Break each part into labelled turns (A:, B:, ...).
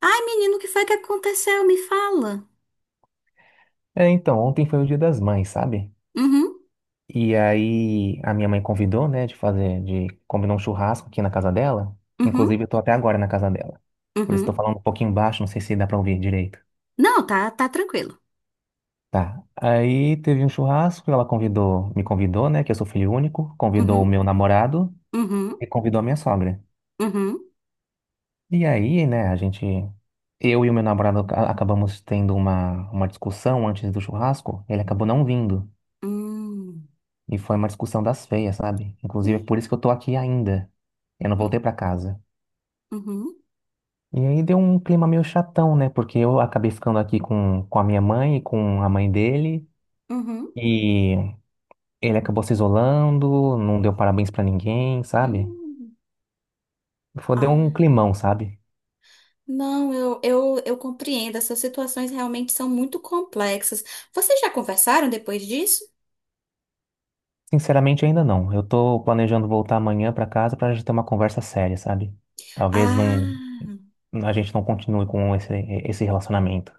A: Ai, menino, o que foi que aconteceu? Me fala.
B: É, então, ontem foi o Dia das Mães, sabe?
A: Uhum,
B: E aí a minha mãe convidou, né, de fazer, de combinar um churrasco aqui na casa dela.
A: uhum,
B: Inclusive, eu tô até agora na casa dela. Por isso tô
A: uhum.
B: falando um pouquinho baixo, não sei se dá pra ouvir direito.
A: Não, tá, tá tranquilo.
B: Tá. Aí teve um churrasco, ela convidou, me convidou, né, que eu sou filho único, convidou o
A: Uhum,
B: meu namorado e
A: uhum,
B: convidou a minha sogra.
A: uhum.
B: E aí, né, a gente, eu e o meu namorado acabamos tendo uma discussão antes do churrasco, ele acabou não vindo.
A: Hum.
B: E foi uma discussão das feias, sabe? Inclusive,
A: Ih,
B: é por isso que eu tô aqui ainda. Eu não voltei
A: hum,
B: pra casa.
A: Uhum,
B: E aí deu um clima meio chatão, né? Porque eu acabei ficando aqui com a minha mãe e com a mãe dele.
A: uhum,
B: E ele acabou se isolando, não deu parabéns pra ninguém, sabe?
A: hum.
B: Foi, deu um
A: Ah,
B: climão, sabe?
A: não, eu compreendo. Essas situações realmente são muito complexas. Vocês já conversaram depois disso?
B: Sinceramente, ainda não. Eu tô planejando voltar amanhã pra casa pra gente ter uma conversa séria, sabe? Talvez não,
A: Ah,
B: a gente não continue com esse relacionamento.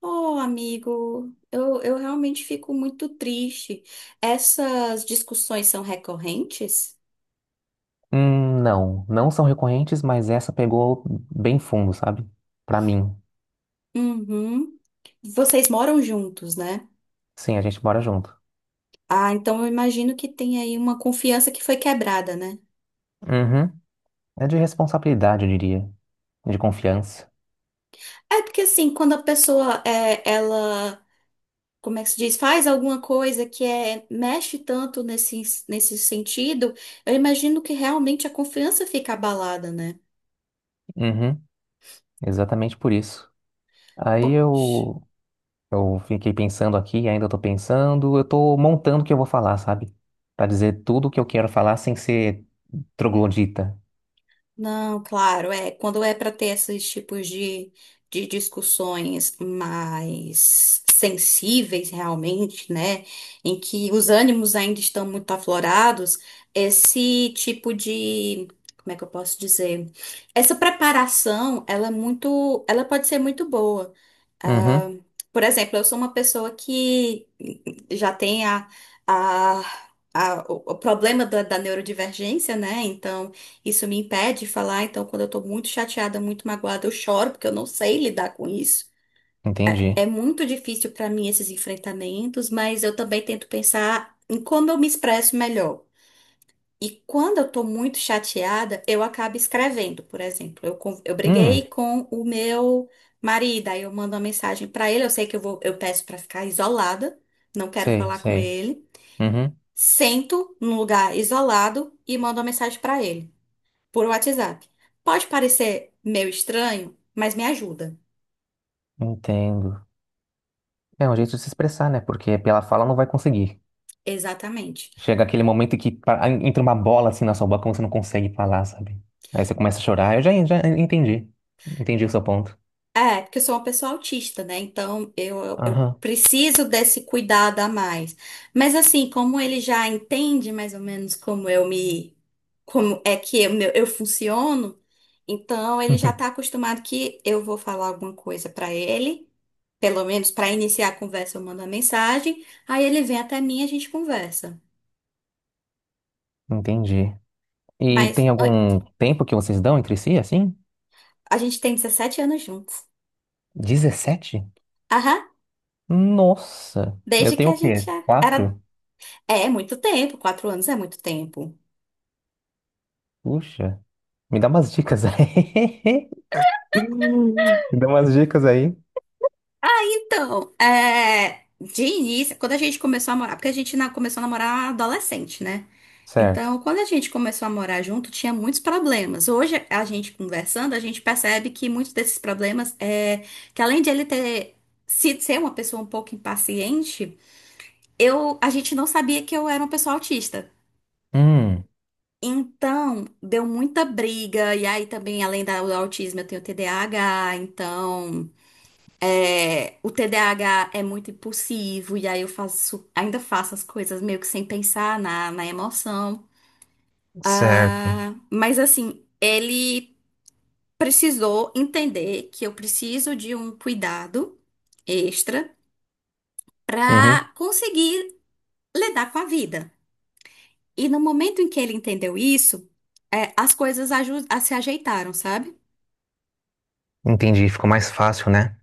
A: oh, amigo, eu realmente fico muito triste. Essas discussões são recorrentes?
B: Não, são recorrentes, mas essa pegou bem fundo, sabe? Pra mim.
A: Uhum. Vocês moram juntos, né?
B: Sim, a gente mora junto.
A: Ah, então eu imagino que tem aí uma confiança que foi quebrada, né?
B: Uhum. É de responsabilidade, eu diria. De confiança.
A: É porque assim, quando a pessoa é, ela, como é que se diz, faz alguma coisa que é, mexe tanto nesse, nesse sentido, eu imagino que realmente a confiança fica abalada, né?
B: Uhum. Exatamente por isso. Aí
A: Poxa.
B: eu, eu fiquei pensando aqui, ainda tô pensando, eu tô montando o que eu vou falar, sabe? Pra dizer tudo o que eu quero falar sem ser troglodita.
A: Não, claro, é. Quando é para ter esses tipos de discussões mais sensíveis, realmente, né? Em que os ânimos ainda estão muito aflorados, esse tipo de. Como é que eu posso dizer? Essa preparação, ela é muito, ela pode ser muito boa.
B: Uhum.
A: Ah, por exemplo, eu sou uma pessoa que já tem a, a- o problema da, da neurodivergência, né? Então, isso me impede de falar. Então, quando eu tô muito chateada, muito magoada, eu choro, porque eu não sei lidar com isso.
B: Entendi.
A: É muito difícil para mim esses enfrentamentos, mas eu também tento pensar em como eu me expresso melhor. E quando eu tô muito chateada, eu acabo escrevendo, por exemplo. Eu, eu
B: Hum,
A: briguei com o meu marido, aí eu mando uma mensagem pra ele. Eu sei que eu vou, eu peço pra ficar isolada, não quero
B: sei,
A: falar com
B: sei.
A: ele.
B: Uhum.
A: Sento num lugar isolado e mando uma mensagem pra ele, por WhatsApp. Pode parecer meio estranho, mas me ajuda.
B: Entendo. É um jeito de se expressar, né? Porque pela fala não vai conseguir.
A: Exatamente.
B: Chega aquele momento que entra uma bola assim na sua boca, você não consegue falar, sabe? Aí você começa a chorar. Já entendi. Entendi o seu ponto.
A: É, porque eu sou uma pessoa autista, né? Então eu, eu
B: Aham.
A: preciso desse cuidado a mais. Mas assim, como ele já entende mais ou menos como eu me, como é que eu, eu funciono, então ele já tá acostumado que eu vou falar alguma coisa pra ele, pelo menos pra iniciar a conversa eu mando a mensagem, aí ele vem até mim e a gente conversa.
B: Entendi. E
A: Mas
B: tem
A: olha,
B: algum tempo que vocês dão entre si, assim?
A: a gente tem 17 anos juntos.
B: 17?
A: Aham,
B: Nossa! Eu
A: desde que
B: tenho o
A: a gente
B: quê?
A: era.
B: Quatro?
A: É, é muito tempo, 4 anos é muito tempo.
B: Puxa. Me dá umas dicas aí. Me dá umas dicas aí.
A: Ah, então, é, de início, quando a gente começou a morar, porque a gente começou a namorar adolescente, né?
B: Certo.
A: Então, quando a gente começou a morar junto, tinha muitos problemas. Hoje, a gente conversando, a gente percebe que muitos desses problemas é que além de ele ter sido ser uma pessoa um pouco impaciente, eu, a gente não sabia que eu era uma pessoa autista.
B: Hum,
A: Então, deu muita briga, e aí também, além do autismo, eu tenho TDAH, então. É, o TDAH é muito impulsivo, e aí eu faço, ainda faço as coisas meio que sem pensar na, na emoção.
B: certo.
A: Ah, mas assim, ele precisou entender que eu preciso de um cuidado extra
B: Uhum.
A: para conseguir lidar com a vida. E no momento em que ele entendeu isso, é, as coisas se ajeitaram, sabe?
B: Entendi. Ficou mais fácil, né?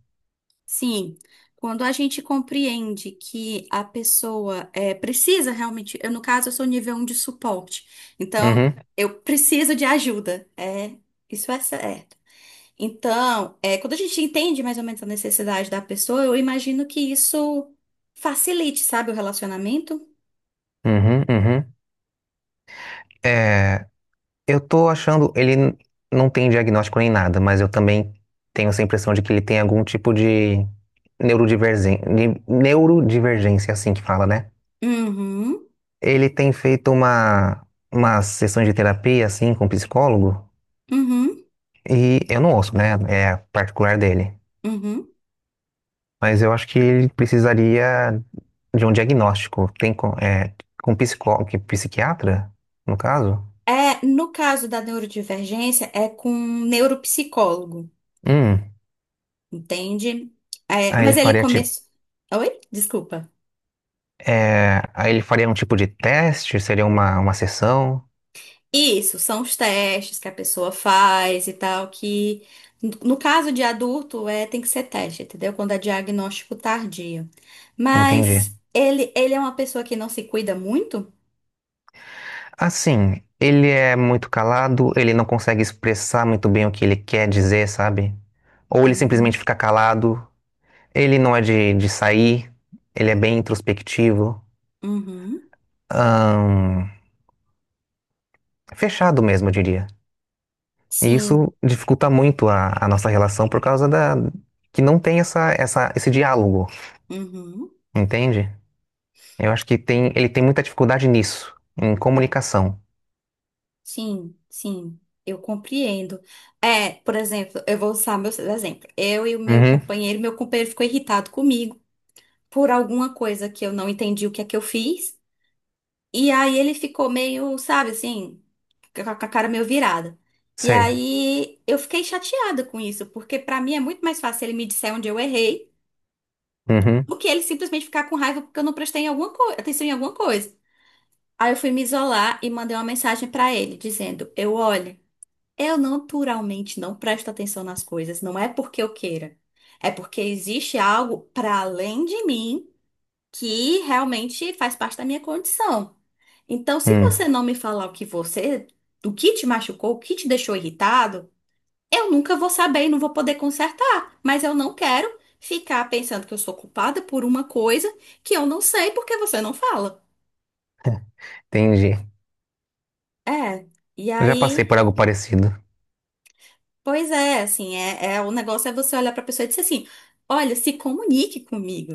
A: Sim, quando a gente compreende que a pessoa é, precisa realmente, eu no caso eu sou nível um de suporte, então
B: Uhum,
A: eu preciso de ajuda, é, isso é certo. Então, é, quando a gente entende mais ou menos a necessidade da pessoa, eu imagino que isso facilite, sabe, o relacionamento.
B: uhum. É. Eu tô achando, não tem diagnóstico nem nada, mas eu também tenho essa impressão de que ele tem algum tipo de neurodivergência, neurodivergência, assim que fala, né?
A: Uhum,
B: Ele tem feito umas sessões de terapia, assim, com psicólogo,
A: uhum,
B: e eu não ouço, né? É particular dele.
A: uhum.
B: Mas eu acho que ele precisaria de um diagnóstico. Tem com, é, com psicólogo, psiquiatra, no caso?
A: É, no caso da neurodivergência, é com um neuropsicólogo,
B: Hum,
A: entende? É,
B: aí ele
A: mas ele
B: faria.
A: começou. Oi? Desculpa.
B: É, aí ele faria um tipo de teste, seria uma sessão,
A: Isso, são os testes que a pessoa faz e tal, que no caso de adulto é, tem que ser teste, entendeu? Quando é diagnóstico tardio.
B: entendi.
A: Mas ele é uma pessoa que não se cuida muito?
B: Assim, ele é muito calado, ele não consegue expressar muito bem o que ele quer dizer, sabe? Ou ele simplesmente
A: Hum,
B: fica calado, ele não é de sair, ele é bem introspectivo,
A: uhum,
B: ahn, fechado mesmo, eu diria. E
A: sim,
B: isso dificulta muito a nossa relação por causa que não tem esse diálogo,
A: uhum,
B: entende? Eu acho que tem, ele tem muita dificuldade nisso, em comunicação.
A: sim, sim, eu compreendo. É, por exemplo, eu vou usar meu exemplo. Eu e o
B: Uhum.
A: meu companheiro ficou irritado comigo por alguma coisa que eu não entendi o que é que eu fiz. E aí ele ficou meio, sabe, assim, com a cara meio virada. E
B: Sei.
A: aí eu fiquei chateada com isso, porque pra mim é muito mais fácil ele me disser onde eu errei
B: Uhum,
A: do que ele simplesmente ficar com raiva porque eu não prestei em alguma atenção em alguma coisa. Aí eu fui me isolar e mandei uma mensagem pra ele dizendo: "Eu olha, eu naturalmente não presto atenção nas coisas, não é porque eu queira. É porque existe algo pra além de mim que realmente faz parte da minha condição. Então, se
B: hum,
A: você não me falar o que você, do que te machucou, o que te deixou irritado, eu nunca vou saber e não vou poder consertar. Mas eu não quero ficar pensando que eu sou culpada por uma coisa que eu não sei porque você não fala.
B: entendi.
A: É. E
B: Eu já passei
A: aí.
B: por algo parecido.
A: Pois é, assim, é, o negócio é você olhar para a pessoa e dizer assim: olha, se comunique comigo.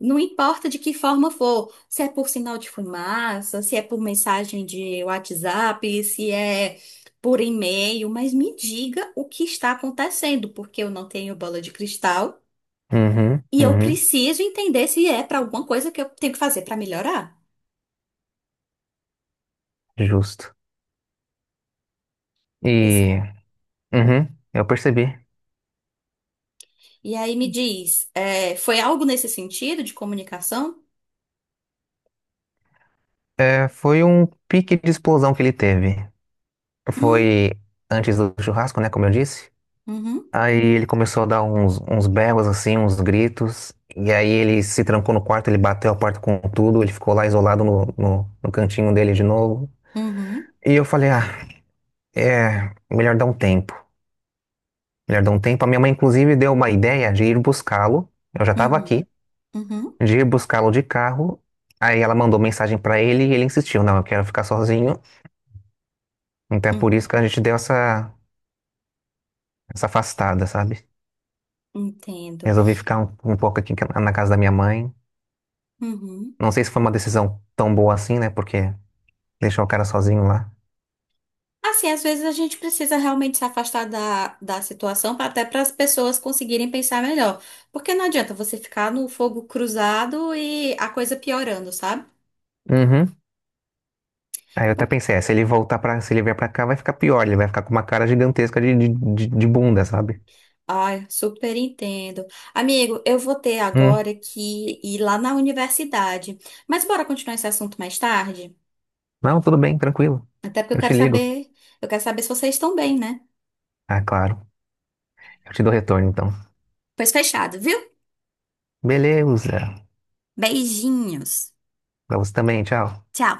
A: Não importa de que forma for, se é por sinal de fumaça, se é por mensagem de WhatsApp, se é por e-mail, mas me diga o que está acontecendo, porque eu não tenho bola de cristal
B: Uhum,
A: e eu
B: uhum,
A: preciso entender se é para alguma coisa que eu tenho que fazer para melhorar.
B: justo.
A: Pois
B: E,
A: é.
B: uhum, eu percebi.
A: E aí me diz, é, foi algo nesse sentido de comunicação?
B: É, foi um pique de explosão que ele teve.
A: Hum,
B: Foi antes do churrasco, né, como eu disse.
A: uhum,
B: Aí ele começou a dar uns berros, assim, uns gritos. E aí ele se trancou no quarto, ele bateu a porta com tudo. Ele ficou lá isolado no cantinho dele de novo.
A: uhum,
B: E eu falei, ah, é melhor dar um tempo. Já deu um tempo. A minha mãe, inclusive, deu uma ideia de ir buscá-lo. Eu já estava
A: uhum.
B: aqui,
A: Uhum,
B: de ir buscá-lo de carro. Aí ela mandou mensagem para ele e ele insistiu: Não, eu quero ficar sozinho. Então é por isso
A: uhum,
B: que a gente deu essa, essa afastada, sabe?
A: entendo.
B: Resolvi ficar um pouco aqui na casa da minha mãe.
A: Uhum.
B: Não sei se foi uma decisão tão boa assim, né? Porque deixou o cara sozinho lá.
A: Assim, às vezes a gente precisa realmente se afastar da, da situação até para as pessoas conseguirem pensar melhor. Porque não adianta você ficar no fogo cruzado e a coisa piorando, sabe?
B: Uhum. Aí eu até pensei: é, se ele voltar para, se ele vier pra cá, vai ficar pior. Ele vai ficar com uma cara gigantesca de bunda, sabe?
A: Ai, super entendo. Amigo, eu vou ter
B: Hum.
A: agora que ir lá na universidade. Mas bora continuar esse assunto mais tarde?
B: Não, tudo bem, tranquilo.
A: Até porque
B: Eu te ligo.
A: eu quero saber se vocês estão bem, né?
B: Ah, claro. Eu te dou retorno, então.
A: Pois fechado, viu?
B: Beleza.
A: Beijinhos.
B: Pra você também, tchau.
A: Tchau.